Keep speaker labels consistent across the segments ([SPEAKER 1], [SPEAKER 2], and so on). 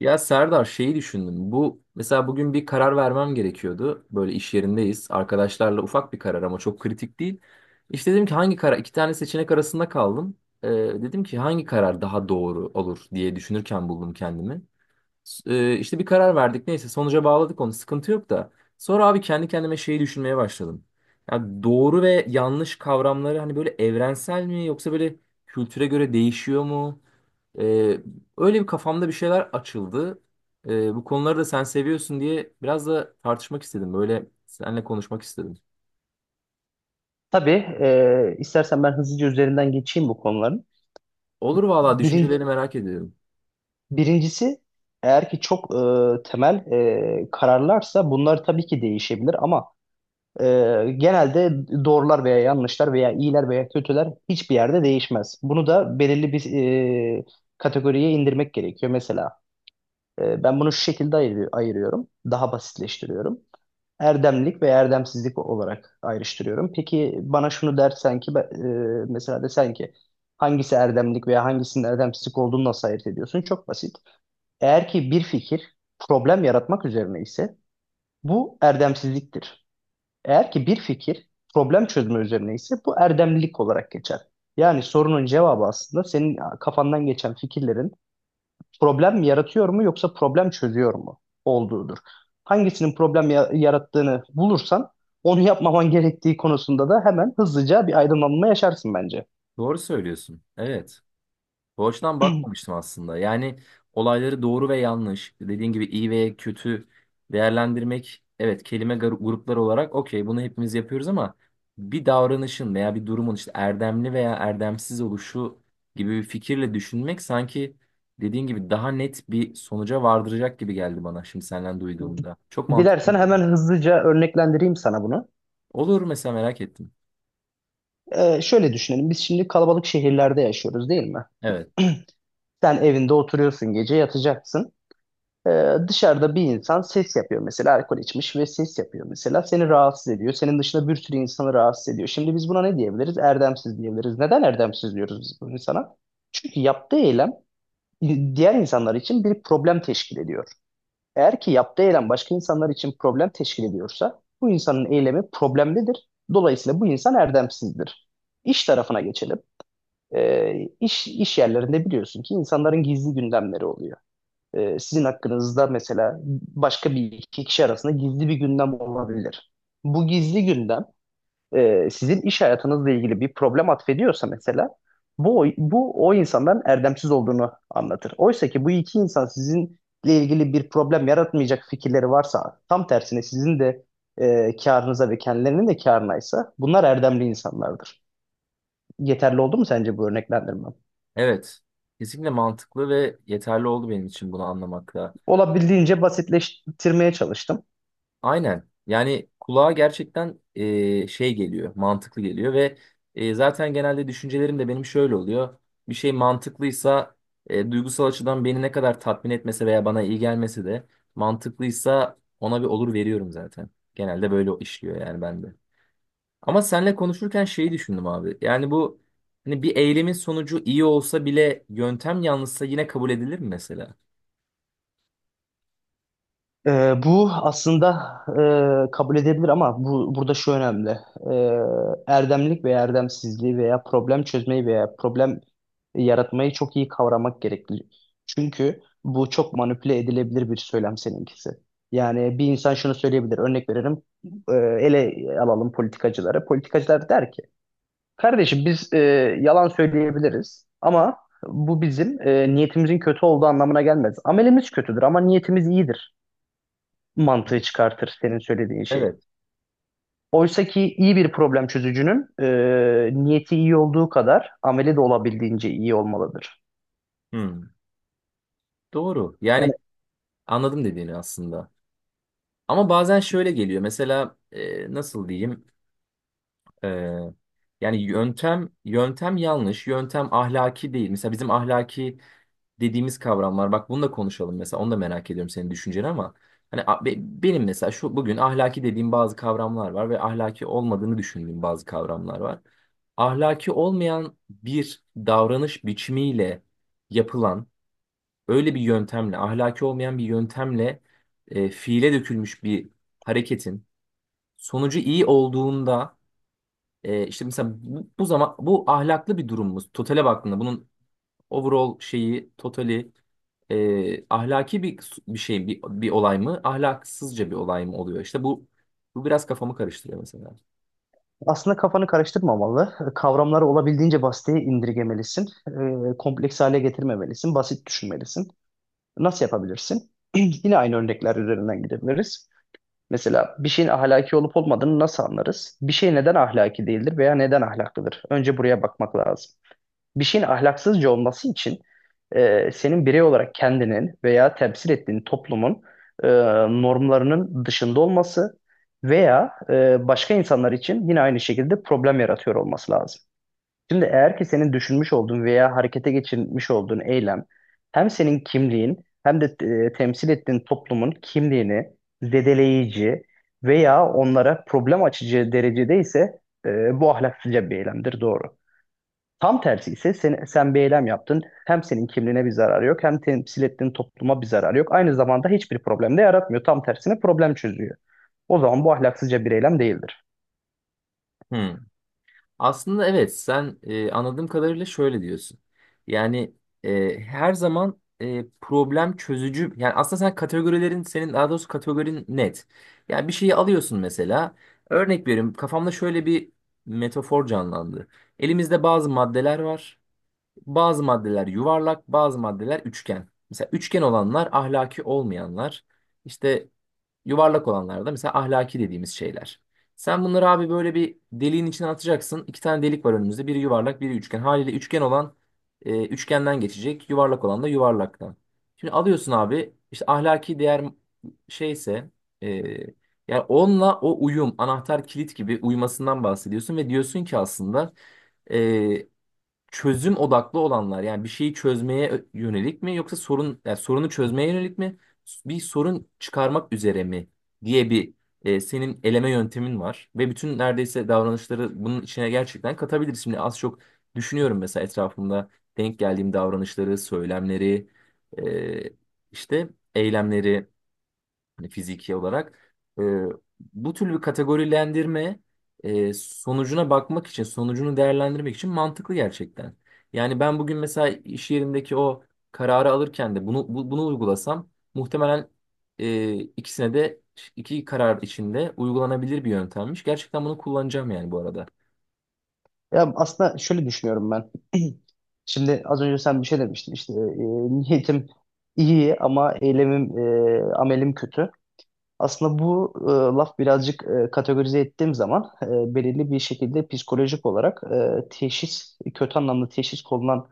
[SPEAKER 1] Ya Serdar şeyi düşündüm. Bu mesela bugün bir karar vermem gerekiyordu. Böyle iş yerindeyiz. Arkadaşlarla ufak bir karar ama çok kritik değil. İşte dedim ki hangi karar? İki tane seçenek arasında kaldım. Ee, Dedim ki hangi karar daha doğru olur diye düşünürken buldum kendimi. İşte bir karar verdik. Neyse sonuca bağladık onu. Sıkıntı yok da. Sonra abi kendi kendime şeyi düşünmeye başladım. Ya doğru ve yanlış kavramları hani böyle evrensel mi yoksa böyle kültüre göre değişiyor mu? Ee, Öyle bir kafamda bir şeyler açıldı. Bu konuları da sen seviyorsun diye biraz da tartışmak istedim. Böyle seninle konuşmak istedim.
[SPEAKER 2] Tabii istersen ben hızlıca üzerinden geçeyim bu konuların.
[SPEAKER 1] Olur valla,
[SPEAKER 2] Birin-
[SPEAKER 1] düşüncelerini merak ediyorum.
[SPEAKER 2] Birincisi eğer ki çok temel kararlarsa bunlar tabii ki değişebilir ama e, genelde doğrular veya yanlışlar veya iyiler veya kötüler hiçbir yerde değişmez. Bunu da belirli bir e, kategoriye indirmek gerekiyor. Mesela ben bunu şu şekilde ayırıyorum, daha basitleştiriyorum. Erdemlik ve erdemsizlik olarak ayrıştırıyorum. Peki bana şunu dersen ki mesela desen ki hangisi erdemlik veya hangisinin erdemsizlik olduğunu nasıl ayırt ediyorsun? Çok basit. Eğer ki bir fikir problem yaratmak üzerine ise bu erdemsizliktir. Eğer ki bir fikir problem çözme üzerine ise bu erdemlilik olarak geçer. Yani sorunun cevabı aslında senin kafandan geçen fikirlerin problem yaratıyor mu yoksa problem çözüyor mu olduğudur. Hangisinin yarattığını bulursan onu yapmaman gerektiği konusunda da hemen hızlıca bir aydınlanma yaşarsın bence.
[SPEAKER 1] Doğru söylüyorsun. Evet. Bu açıdan bakmamıştım aslında. Yani olayları doğru ve yanlış, dediğin gibi iyi ve kötü değerlendirmek, evet, kelime grupları olarak okey bunu hepimiz yapıyoruz ama bir davranışın veya bir durumun işte erdemli veya erdemsiz oluşu gibi bir fikirle düşünmek sanki dediğin gibi daha net bir sonuca vardıracak gibi geldi bana şimdi senden duyduğumda. Çok
[SPEAKER 2] Dilersen
[SPEAKER 1] mantıklı
[SPEAKER 2] hemen
[SPEAKER 1] dedim.
[SPEAKER 2] hızlıca örneklendireyim sana bunu.
[SPEAKER 1] Olur, mesela merak ettim.
[SPEAKER 2] Şöyle düşünelim. Biz şimdi kalabalık şehirlerde yaşıyoruz değil mi?
[SPEAKER 1] Evet.
[SPEAKER 2] Sen evinde oturuyorsun, gece yatacaksın. Dışarıda bir insan ses yapıyor, mesela alkol içmiş ve ses yapıyor, mesela seni rahatsız ediyor. Senin dışında bir sürü insanı rahatsız ediyor. Şimdi biz buna ne diyebiliriz? Erdemsiz diyebiliriz. Neden erdemsiz diyoruz biz bu insana? Çünkü yaptığı eylem diğer insanlar için bir problem teşkil ediyor. Eğer ki yaptığı eylem başka insanlar için problem teşkil ediyorsa bu insanın eylemi problemlidir. Dolayısıyla bu insan erdemsizdir. İş tarafına geçelim. İş, iş yerlerinde biliyorsun ki insanların gizli gündemleri oluyor, sizin hakkınızda mesela başka bir iki kişi arasında gizli bir gündem olabilir. Bu gizli gündem sizin iş hayatınızla ilgili bir problem atfediyorsa mesela bu o insandan erdemsiz olduğunu anlatır. Oysa ki bu iki insan sizinle ilgili bir problem yaratmayacak fikirleri varsa, tam tersine sizin de karınıza ve kendilerinin de karınaysa bunlar erdemli insanlardır. Yeterli oldu mu sence bu örneklendirmem?
[SPEAKER 1] Evet. Kesinlikle mantıklı ve yeterli oldu benim için bunu anlamakla.
[SPEAKER 2] Olabildiğince basitleştirmeye çalıştım.
[SPEAKER 1] Aynen. Yani kulağa gerçekten şey geliyor, mantıklı geliyor ve zaten genelde düşüncelerim de benim şöyle oluyor. Bir şey mantıklıysa duygusal açıdan beni ne kadar tatmin etmese veya bana iyi gelmese de mantıklıysa ona bir olur veriyorum zaten. Genelde böyle işliyor yani bende. Ama seninle konuşurken şeyi düşündüm abi. Yani bu hani bir eylemin sonucu iyi olsa bile yöntem yanlışsa yine kabul edilir mi mesela?
[SPEAKER 2] Bu aslında kabul edebilir ama bu burada şu önemli. Ee, Erdemlik ve erdemsizliği veya problem çözmeyi veya problem yaratmayı çok iyi kavramak gerekli. Çünkü bu çok manipüle edilebilir bir söylem seninkisi. Yani bir insan şunu söyleyebilir. Örnek veririm. Ele alalım politikacıları. Politikacılar der ki, kardeşim biz yalan söyleyebiliriz ama bu bizim niyetimizin kötü olduğu anlamına gelmez. Amelimiz kötüdür ama niyetimiz iyidir mantığı çıkartır senin söylediğin şey.
[SPEAKER 1] Evet.
[SPEAKER 2] Oysa ki iyi bir problem çözücünün niyeti iyi olduğu kadar ameli de olabildiğince iyi olmalıdır.
[SPEAKER 1] Hmm. Doğru.
[SPEAKER 2] Yani
[SPEAKER 1] Yani anladım dediğini aslında. Ama bazen şöyle geliyor. Mesela nasıl diyeyim? E, Yani yöntem yanlış, yöntem ahlaki değil. Mesela bizim ahlaki dediğimiz kavram var. Bak bunu da konuşalım mesela. Onu da merak ediyorum senin düşünceni ama hani benim mesela şu bugün ahlaki dediğim bazı kavramlar var ve ahlaki olmadığını düşündüğüm bazı kavramlar var. Ahlaki olmayan bir davranış biçimiyle yapılan öyle bir yöntemle, ahlaki olmayan bir yöntemle fiile dökülmüş bir hareketin sonucu iyi olduğunda, işte mesela bu zaman bu ahlaklı bir durumumuz. Totale baktığında bunun overall şeyi totali ahlaki bir şey bir olay mı, ahlaksızca bir olay mı oluyor? İşte bu biraz kafamı karıştırıyor mesela.
[SPEAKER 2] aslında kafanı karıştırmamalı. Kavramları olabildiğince basite indirgemelisin. Kompleks hale getirmemelisin. Basit düşünmelisin. Nasıl yapabilirsin? Yine aynı örnekler üzerinden gidebiliriz. Mesela bir şeyin ahlaki olup olmadığını nasıl anlarız? Bir şey neden ahlaki değildir veya neden ahlaklıdır? Önce buraya bakmak lazım. Bir şeyin ahlaksızca olması için senin birey olarak kendinin veya temsil ettiğin toplumun e, normlarının dışında olması veya başka insanlar için yine aynı şekilde problem yaratıyor olması lazım. Şimdi eğer ki senin düşünmüş olduğun veya harekete geçirmiş olduğun eylem hem senin kimliğin hem de temsil ettiğin toplumun kimliğini zedeleyici veya onlara problem açıcı derecede ise bu ahlaksızca bir eylemdir, doğru. Tam tersi ise sen bir eylem yaptın. Hem senin kimliğine bir zararı yok, hem temsil ettiğin topluma bir zararı yok. Aynı zamanda hiçbir problem de yaratmıyor. Tam tersine problem çözüyor. O zaman bu ahlaksızca bir eylem değildir.
[SPEAKER 1] Hmm. Aslında evet, sen anladığım kadarıyla şöyle diyorsun. Yani her zaman problem çözücü, yani aslında sen kategorilerin senin, daha doğrusu kategorin net. Yani bir şeyi alıyorsun mesela, örnek veriyorum, kafamda şöyle bir metafor canlandı. Elimizde bazı maddeler var. Bazı maddeler yuvarlak, bazı maddeler üçgen. Mesela üçgen olanlar ahlaki olmayanlar. İşte yuvarlak olanlar da mesela ahlaki dediğimiz şeyler. Sen bunları abi böyle bir deliğin içine atacaksın. İki tane delik var önümüzde. Biri yuvarlak, biri üçgen. Haliyle üçgen olan üçgenden geçecek. Yuvarlak olan da yuvarlaktan. Şimdi alıyorsun abi işte ahlaki değer şeyse, e, yani onunla o uyum, anahtar kilit gibi uyumasından bahsediyorsun ve diyorsun ki aslında e, çözüm odaklı olanlar, yani bir şeyi çözmeye yönelik mi, yoksa sorun, yani sorunu çözmeye yönelik mi, bir sorun çıkarmak üzere mi diye bir senin eleme yöntemin var ve bütün neredeyse davranışları bunun içine gerçekten katabiliriz. Şimdi az çok düşünüyorum mesela etrafımda denk geldiğim davranışları, söylemleri, e, işte eylemleri, hani fiziki olarak. E, Bu tür bir kategorilendirme sonucuna bakmak için, sonucunu değerlendirmek için mantıklı gerçekten. Yani ben bugün mesela iş yerindeki o kararı alırken de bunu, bunu uygulasam muhtemelen ikisine de, iki karar içinde uygulanabilir bir yöntemmiş. Gerçekten bunu kullanacağım yani bu arada.
[SPEAKER 2] Ya aslında şöyle düşünüyorum ben. Şimdi az önce sen bir şey demiştin işte niyetim iyi ama eylemim amelim kötü. Aslında bu laf birazcık, kategorize ettiğim zaman belirli bir şekilde psikolojik olarak teşhis, kötü anlamda teşhis konulan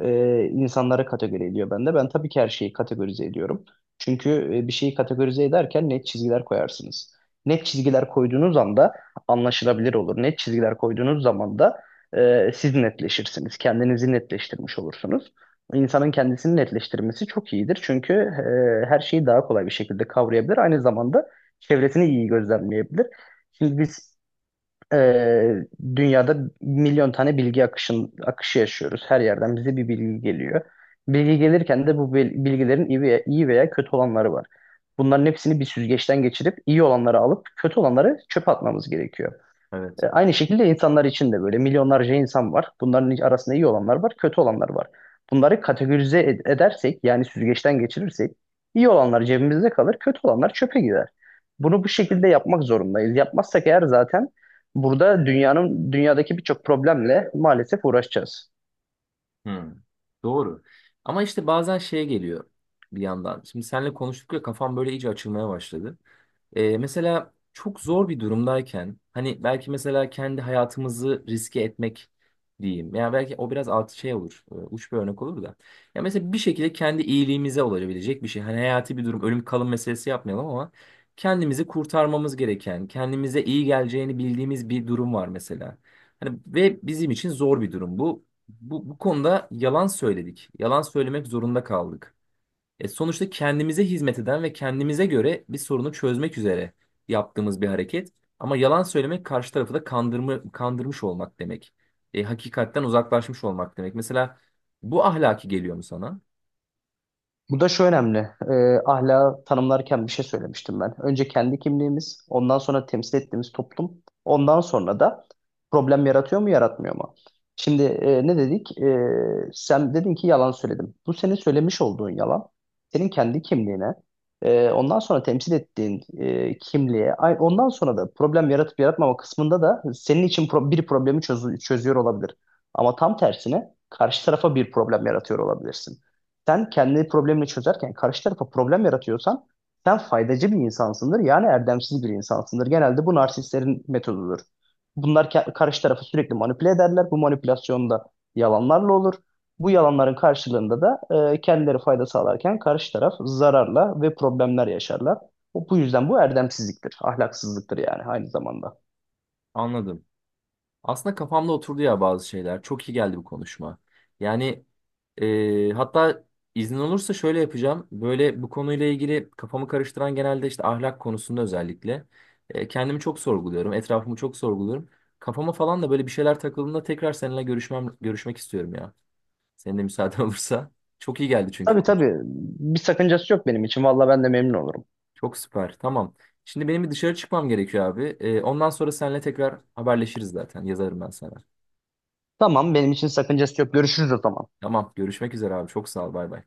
[SPEAKER 2] insanlara kategori ediyor bende. Ben tabii ki her şeyi kategorize ediyorum. Çünkü bir şeyi kategorize ederken net çizgiler koyarsınız. Net çizgiler koyduğunuz anda anlaşılabilir olur. Net çizgiler koyduğunuz zaman da siz netleşirsiniz. Kendinizi netleştirmiş olursunuz. İnsanın kendisini netleştirmesi çok iyidir. Çünkü her şeyi daha kolay bir şekilde kavrayabilir. Aynı zamanda çevresini iyi gözlemleyebilir. Şimdi biz ee, dünyada milyon tane akışı yaşıyoruz. Her yerden bize bir bilgi geliyor. Bilgi gelirken de bilgilerin iyi veya kötü olanları var. Bunların hepsini bir süzgeçten geçirip iyi olanları alıp kötü olanları çöpe atmamız gerekiyor.
[SPEAKER 1] Evet.
[SPEAKER 2] Aynı şekilde insanlar için de böyle milyonlarca insan var. Bunların arasında iyi olanlar var, kötü olanlar var. Bunları edersek, yani süzgeçten geçirirsek, iyi olanlar cebimizde kalır, kötü olanlar çöpe gider. Bunu bu şekilde yapmak zorundayız. Yapmazsak eğer zaten burada dünyadaki birçok problemle maalesef uğraşacağız.
[SPEAKER 1] Hmm, doğru. Ama işte bazen şeye geliyor bir yandan. Şimdi seninle konuştuk ya, kafam böyle iyice açılmaya başladı. Mesela çok zor bir durumdayken hani belki mesela kendi hayatımızı riske etmek diyeyim. Yani belki o biraz altı şey olur. Uç bir örnek olur da. Ya mesela bir şekilde kendi iyiliğimize olabilecek bir şey. Hani hayati bir durum, ölüm kalım meselesi yapmayalım ama kendimizi kurtarmamız gereken, kendimize iyi geleceğini bildiğimiz bir durum var mesela. Hani ve bizim için zor bir durum bu. Bu konuda yalan söyledik. Yalan söylemek zorunda kaldık. Sonuçta kendimize hizmet eden ve kendimize göre bir sorunu çözmek üzere yaptığımız bir hareket. Ama yalan söylemek karşı tarafı da kandırma, kandırmış olmak demek. Hakikatten uzaklaşmış olmak demek. Mesela bu ahlaki geliyor mu sana?
[SPEAKER 2] Bu da şu önemli. Ahlakı tanımlarken bir şey söylemiştim ben. Önce kendi kimliğimiz, ondan sonra temsil ettiğimiz toplum, ondan sonra da problem yaratıyor mu, yaratmıyor mu? Şimdi ne dedik? Sen dedin ki yalan söyledim. Bu senin söylemiş olduğun yalan, senin kendi kimliğine, ondan sonra temsil ettiğin kimliğe, ondan sonra da problem yaratıp yaratmama kısmında da senin için bir problemi çözüyor olabilir. Ama tam tersine karşı tarafa bir problem yaratıyor olabilirsin. Sen kendi problemini çözerken karşı tarafa problem yaratıyorsan sen faydacı bir insansındır. Yani erdemsiz bir insansındır. Genelde bu narsistlerin metodudur. Karşı tarafı sürekli manipüle ederler. Bu manipülasyon da yalanlarla olur. Bu yalanların karşılığında da kendileri fayda sağlarken karşı taraf zararla ve problemler yaşarlar. Bu yüzden bu erdemsizliktir, ahlaksızlıktır yani aynı zamanda.
[SPEAKER 1] Anladım. Aslında kafamda oturdu ya bazı şeyler. Çok iyi geldi bu konuşma. Yani hatta iznin olursa şöyle yapacağım. Böyle bu konuyla ilgili kafamı karıştıran, genelde işte ahlak konusunda özellikle kendimi çok sorguluyorum. Etrafımı çok sorguluyorum. Kafama falan da böyle bir şeyler takıldığında tekrar seninle görüşmek istiyorum ya. Senin de müsaaden olursa. Çok iyi geldi çünkü
[SPEAKER 2] Tabii,
[SPEAKER 1] konu.
[SPEAKER 2] tabii, bir sakıncası yok benim için. Valla ben de memnun olurum.
[SPEAKER 1] Çok süper. Tamam. Şimdi benim bir dışarı çıkmam gerekiyor abi. Ondan sonra seninle tekrar haberleşiriz zaten. Yazarım ben sana.
[SPEAKER 2] Tamam, benim için sakıncası yok. Görüşürüz o zaman.
[SPEAKER 1] Tamam. Görüşmek üzere abi. Çok sağ ol. Bay bay.